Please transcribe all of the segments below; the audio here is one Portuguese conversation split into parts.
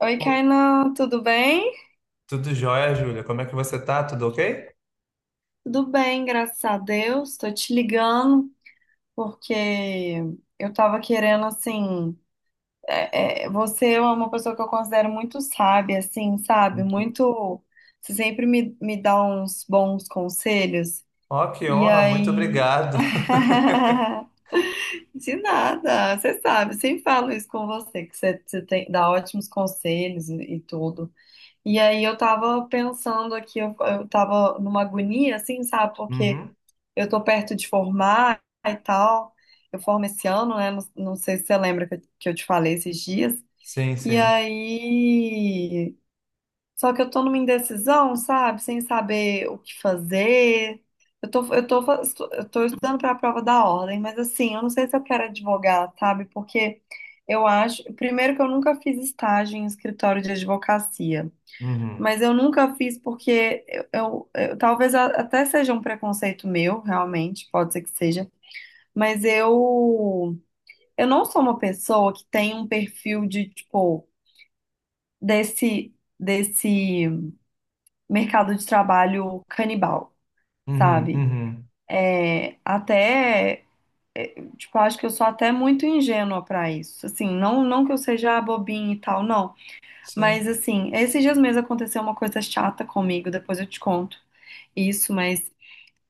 Oi, Pô, Kainan, tudo bem? tudo jóia, Júlia? Como é que você tá? Tudo ok? Tudo bem, graças a Deus. Tô te ligando porque eu tava querendo, assim, você é uma pessoa que eu considero muito sábia, assim, sabe? Uhum. Muito, você sempre me dá uns bons conselhos. Ó, que E honra, muito aí... obrigado. De nada, você sabe, sempre falo isso com você, que você tem, dá ótimos conselhos e tudo. E aí eu tava pensando aqui, eu tava numa agonia, assim, sabe? Porque Uhum. eu tô perto de formar e tal. Eu formo esse ano, né? Não, não sei se você lembra que eu te falei esses dias. Sim, E sim. aí. Só que eu tô numa indecisão, sabe? Sem saber o que fazer. Eu tô, eu tô, fa- eu tô estudando pra prova da ordem, mas assim, eu não sei se eu quero advogar, sabe? Porque eu acho. Primeiro que eu nunca fiz estágio em escritório de advocacia. Uhum, Mas eu nunca fiz porque talvez até seja um preconceito meu, realmente, pode ser que seja, mas eu não sou uma pessoa que tem um perfil de tipo desse desse mercado de trabalho canibal, uhum, sabe? uhum. É, até é, tipo, acho que eu sou até muito ingênua pra isso. Assim, não que eu seja bobinha e tal, não, mas Sim. assim, esses dias mesmo aconteceu uma coisa chata comigo, depois eu te conto isso, mas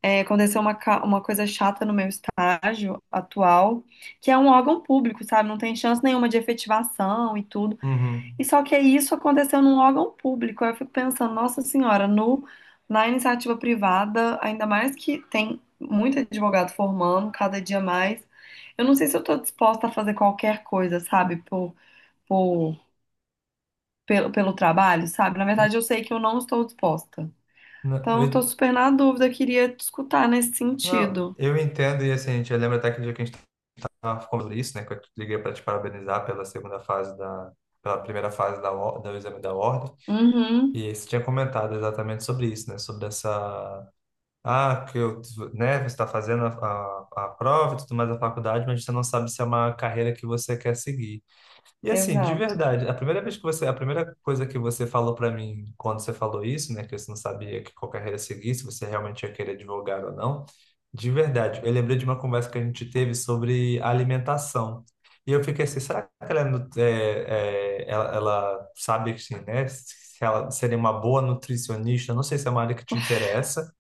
aconteceu uma coisa chata no meu estágio atual, que é um órgão público, sabe? Não tem chance nenhuma de efetivação e tudo. E Uhum. só que isso aconteceu num órgão público. Aí eu fico pensando, nossa senhora, no, na iniciativa privada, ainda mais que tem muito advogado formando, cada dia mais. Eu não sei se eu estou disposta a fazer qualquer coisa, sabe? Por, pelo trabalho, sabe? Na verdade, eu sei que eu não estou disposta. Não, Então, eu tô eu, super na dúvida, eu queria te escutar nesse não, sentido. eu entendo, e assim, a gente lembra até que dia que a gente estava falando isso, né? Que eu te liguei para te parabenizar pela segunda fase da, pela primeira fase da, do exame da ordem. Uhum, E você tinha comentado exatamente sobre isso, né? Sobre essa. Ah, que eu, né, você está fazendo a prova e tudo mais da faculdade, mas você não sabe se é uma carreira que você quer seguir. E assim, de exato. verdade, a primeira vez que você, a primeira coisa que você falou para mim quando você falou isso, né, que você não sabia que qual carreira seguir, se você realmente ia querer advogar ou não, de verdade, eu lembrei de uma conversa que a gente teve sobre alimentação. E eu fiquei assim, será que ela, ela sabe que, assim, né, se ela seria uma boa nutricionista? Eu não sei se é uma área que te interessa.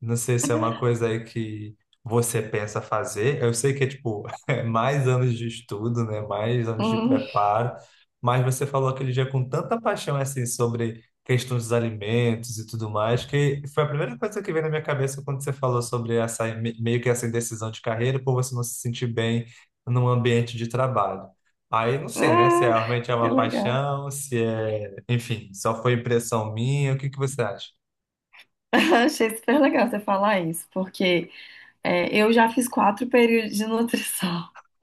Não sei se é uma coisa aí que você pensa fazer. Eu sei que é tipo é mais anos de estudo, né? Mais anos de Hum, preparo. Mas você falou aquele dia com tanta paixão assim sobre questões dos alimentos e tudo mais, que foi a primeira coisa que veio na minha cabeça quando você falou sobre essa meio que essa indecisão de carreira por você não se sentir bem num ambiente de trabalho. Aí não sei, né? Se é- ah, Realmente é que uma legal. paixão, se é, enfim, só foi impressão minha. O que você acha? Achei super legal você falar isso, porque eu já fiz quatro períodos de nutrição.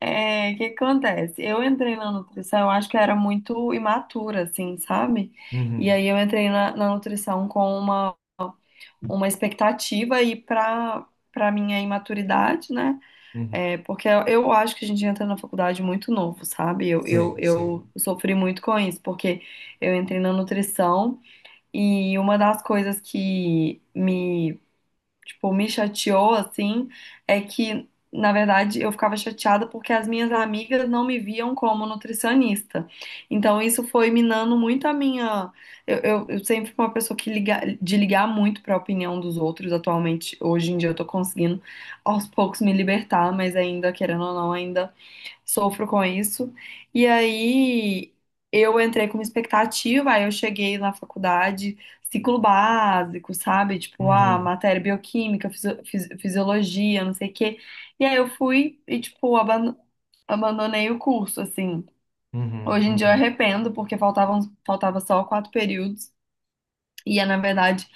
É, o que acontece? Eu entrei na nutrição, eu acho que eu era muito imatura, assim, sabe? E Uhum, aí eu entrei na nutrição com uma expectativa e para minha imaturidade, né? uhum. É, porque eu acho que a gente entra na faculdade muito novo, sabe? Eu, eu, Sim, eu sim. sofri muito com isso, porque eu entrei na nutrição e uma das coisas que me tipo, me chateou, assim, é que, na verdade, eu ficava chateada porque as minhas amigas não me viam como nutricionista. Então, isso foi minando muito a minha. Eu sempre fui uma pessoa que liga, de ligar muito para a opinião dos outros. Atualmente, hoje em dia, eu tô conseguindo aos poucos me libertar, mas ainda, querendo ou não, ainda sofro com isso. E aí eu entrei com uma expectativa, aí eu cheguei na faculdade, ciclo básico, sabe? Tipo, ah, Uhum, matéria bioquímica, fisiologia, não sei o quê. E aí eu fui e, tipo, abandonei o curso, assim. uhum, Hoje em dia eu uhum, arrependo, porque faltava só quatro períodos. Na verdade,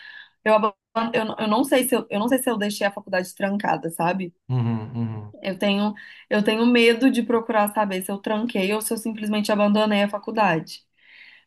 eu, aban- eu não sei se eu, eu não sei se eu deixei a faculdade trancada, sabe? uhum, uhum. Eu tenho, eu tenho medo de procurar saber se eu tranquei ou se eu simplesmente abandonei a faculdade.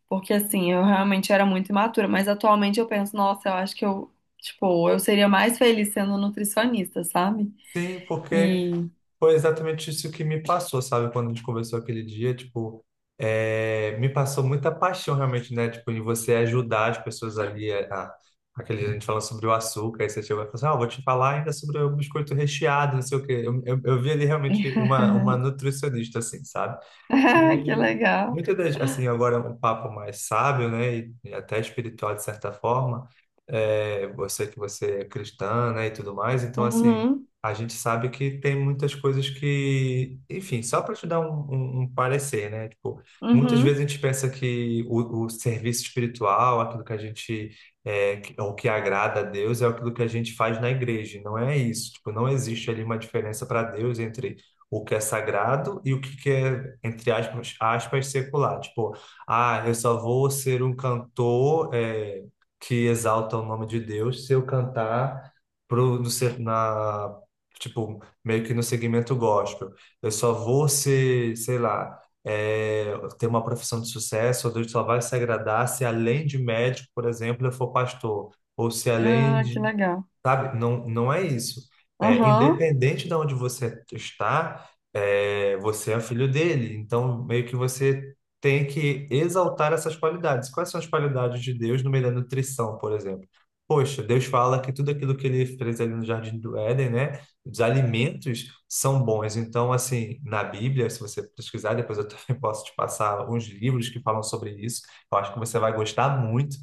Porque assim, eu realmente era muito imatura, mas atualmente eu penso, nossa, eu acho que eu, tipo, eu seria mais feliz sendo nutricionista, sabe? Sim, porque E foi exatamente isso que me passou, sabe? Quando a gente conversou aquele dia, tipo, é, me passou muita paixão realmente, né? Tipo, em você ajudar as pessoas ali, aquele dia a gente falando sobre o açúcar, aí você chegou e falou assim, ah, eu vou te falar ainda sobre o biscoito recheado, não sei o quê. Eu vi ali realmente uma nutricionista, assim, sabe? Ah, que E legal. muitas das, assim, agora é um papo mais sábio, né, e até espiritual de certa forma, é, você é cristã, né, e tudo mais, então, assim, Uhum, a gente sabe que tem muitas coisas que, enfim, só para te dar um parecer, né, tipo, muitas vezes uhum. a gente pensa que o serviço espiritual, aquilo que a gente, é, o que agrada a Deus é aquilo que a gente faz na igreja, e não é isso, tipo, não existe ali uma diferença para Deus entre o que é sagrado e o que é, entre aspas, aspas, secular. Tipo, ah, eu só vou ser um cantor que exalta o nome de Deus se eu cantar pro, no, se- na, tipo, meio que no segmento gospel. Eu só vou ser, sei lá, é, ter uma profissão de sucesso, ou Deus só vai se agradar se além de médico, por exemplo, eu for pastor. Ou se além Ah, que de. legal. Sabe? Não, não é isso. É, Aham, independente de onde você está, é, você é filho dele. Então, meio que você tem que exaltar essas qualidades. Quais são as qualidades de Deus no meio da nutrição, por exemplo? Poxa, Deus fala que tudo aquilo que ele fez ali no Jardim do Éden, né? Os alimentos são bons. Então, assim, na Bíblia, se você pesquisar, depois eu também posso te passar alguns livros que falam sobre isso. Eu acho que você vai gostar muito,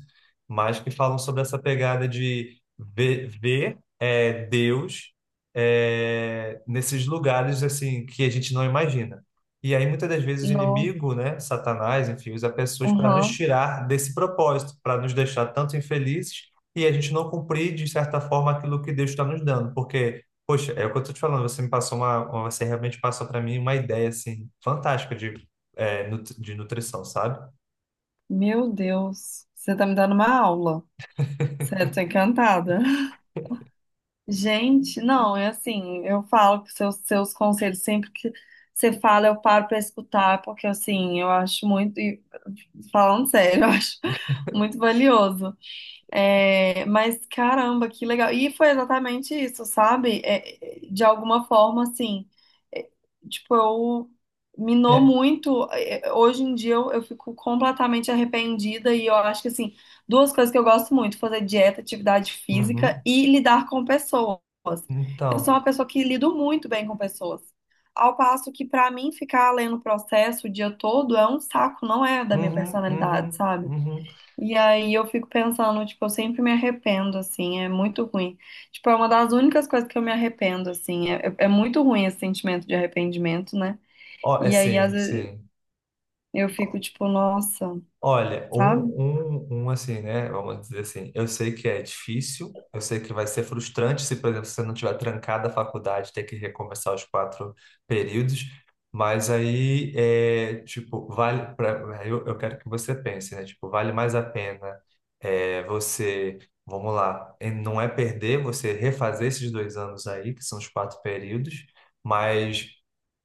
mas que falam sobre essa pegada de ver é, Deus é, nesses lugares assim que a gente não imagina. E aí muitas das vezes o no, inimigo, né, Satanás, enfim, usa pessoas para nos aham. tirar desse propósito, para nos deixar tanto infelizes e a gente não cumprir de certa forma aquilo que Deus está nos dando, porque poxa, é o que eu estou te falando, você me passou você realmente passou para mim uma ideia assim fantástica de é, de nutrição, sabe? Meu Deus, você tá me dando uma aula. Certo, encantada. Gente, não, é assim, eu falo que seus conselhos, sempre que você fala, eu paro para escutar, porque assim, eu acho muito, e falando sério, eu acho muito valioso. É, mas caramba, que legal. E foi exatamente isso, sabe? É, de alguma forma, assim, é, tipo, eu minou É. muito. Hoje em dia eu fico completamente arrependida e eu acho que, assim, duas coisas que eu gosto muito, fazer dieta, atividade física Uhum. e lidar com pessoas. Eu sou Então, uma pessoa que lido muito bem com pessoas. Ao passo que, pra mim, ficar lendo o processo o dia todo é um saco, não é da minha uhum, personalidade, uhum, sabe? uhum. E aí eu fico pensando, tipo, eu sempre me arrependo, assim, é muito ruim. Tipo, é uma das únicas coisas que eu me arrependo, assim, é muito ruim esse sentimento de arrependimento, né? Ó, é E aí, às sim, vezes, sim. eu Ó, fico, tipo, nossa, olha, sabe? Um assim, né? Vamos dizer assim, eu sei que é difícil, eu sei que vai ser frustrante se, por exemplo, você não tiver trancado a faculdade, ter que recomeçar os quatro períodos, mas aí é tipo, vale pra, eu quero que você pense, né? Tipo, vale mais a pena é, você, vamos lá, e não é perder, você refazer esses dois anos aí, que são os quatro períodos, mas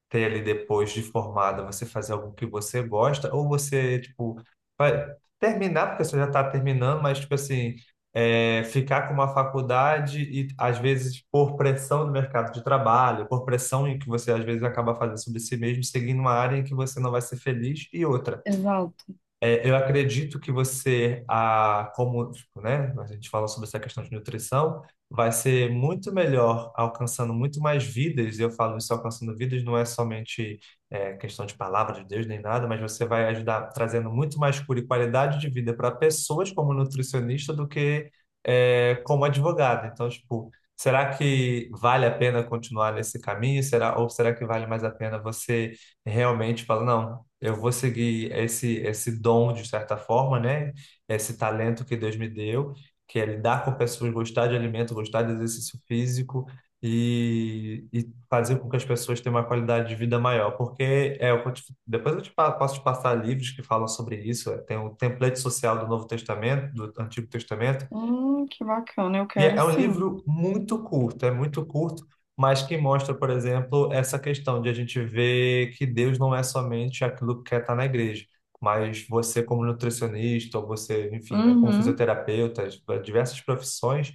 ter ali depois de formada, você fazer algo que você gosta, ou você, tipo, vai terminar, porque você já está terminando, mas, tipo assim, é, ficar com uma faculdade e, às vezes, por pressão do mercado de trabalho, por pressão em que você, às vezes, acaba fazendo sobre si mesmo, seguindo uma área em que você não vai ser feliz e outra. Exato. É, eu acredito que você, a, como, tipo, né, a gente fala sobre essa questão de nutrição, vai ser muito melhor alcançando muito mais vidas. Eu falo isso alcançando vidas, não é somente é, questão de palavra de Deus nem nada, mas você vai ajudar trazendo muito mais cura e qualidade de vida para pessoas como nutricionista do que é, como advogado. Então, tipo, será que vale a pena continuar nesse caminho? Será, ou será que vale mais a pena você realmente falar, não? Eu vou seguir esse dom de certa forma, né? Esse talento que Deus me deu, que é lidar com pessoas, gostar de alimento, gostar de exercício físico e, fazer com que as pessoas tenham uma qualidade de vida maior, porque é, depois eu te, posso te passar livros que falam sobre isso, é, tem o template social do Novo Testamento, do Antigo Testamento Que bacana, eu e quero é um sim. livro muito curto, é muito curto, mas que mostra, por exemplo, essa questão de a gente ver que Deus não é somente aquilo que está na igreja, mas você como nutricionista, ou você, enfim, né, como Uhum. fisioterapeuta, diversas profissões,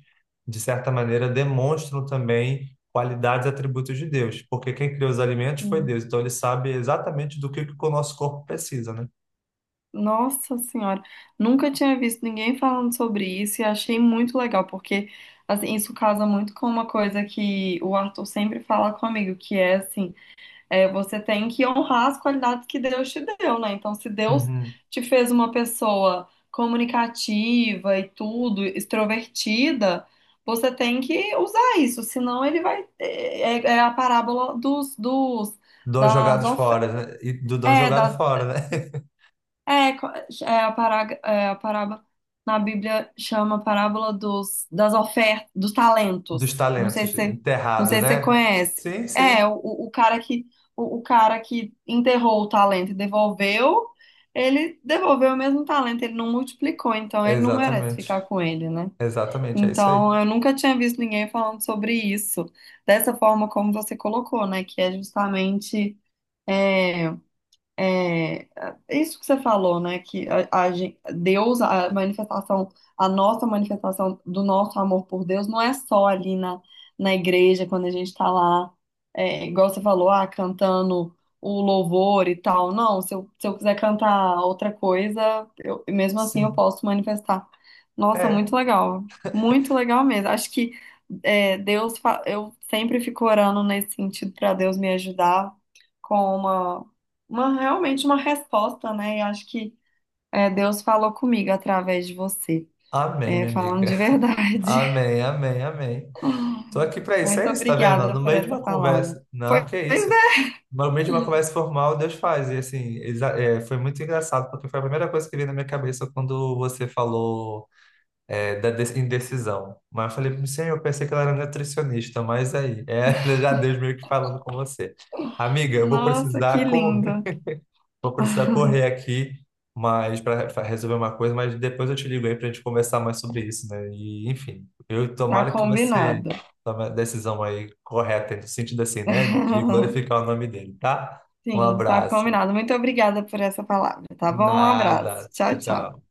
de certa maneira, demonstram também qualidades e atributos de Deus, porque quem criou os alimentos foi Hum. Deus, então ele sabe exatamente que o nosso corpo precisa, né? Nossa Senhora, nunca tinha visto ninguém falando sobre isso e achei muito legal, porque, assim, isso casa muito com uma coisa que o Arthur sempre fala comigo, que é, assim, é, você tem que honrar as qualidades que Deus te deu, né? Então, se Deus Uhum. te fez uma pessoa comunicativa e tudo, extrovertida, você tem que usar isso, senão ele vai. É, é a parábola dos, dos, Dons das, jogados of... fora, né? E do dom é, jogado das fora, né? é, co- é a, pará- é a parábola na Bíblia chama parábola das ofertas, dos Dos talentos. Não sei talentos, se não enterrado, sei se você né? conhece. Sim, sim. É, o, o o cara que o cara que enterrou o talento e devolveu, ele devolveu o mesmo talento, ele não multiplicou, então ele não merece Exatamente. ficar com ele, né? Exatamente, é isso aí. Então, eu nunca tinha visto ninguém falando sobre isso, dessa forma como você colocou, né? Que é justamente é, é, é isso que você falou, né? Que Deus, a nossa manifestação do nosso amor por Deus não é só ali na igreja, quando a gente tá lá, igual você falou, ah, cantando o louvor e tal. Não, se eu quiser cantar outra coisa, mesmo assim eu Sim. posso manifestar. Nossa, É. muito legal. Muito legal mesmo. Acho que eu sempre fico orando nesse sentido para Deus me ajudar com realmente uma resposta, né? E acho que Deus falou comigo através de você, Amém, minha falando amiga. de verdade. Amém, amém, amém. Tô aqui pra isso, Muito é isso, tá vendo? obrigada No por meio de essa uma palavra. conversa. Pois Não, que é, isso. No meio de uma conversa formal, Deus faz. E assim, é, foi muito engraçado, porque foi a primeira coisa que veio na minha cabeça quando você falou. É, indecisão. Mas eu falei, não sei, eu pensei que ela era nutricionista, mas aí, é, já Deus meio que falando com você. Amiga, eu vou nossa, que precisar correr, lindo. vou precisar correr aqui, mas para resolver uma coisa, mas depois eu te ligo aí para a gente conversar mais sobre isso, né? E, enfim, eu Tá tomara que você combinado. tome a decisão aí correta, no sentido assim, né? De glorificar o nome dele, tá? Um Sim, tá abraço. combinado. Muito obrigada por essa palavra, tá bom? Um abraço. Nada. Tchau, Tchau, tchau. tchau.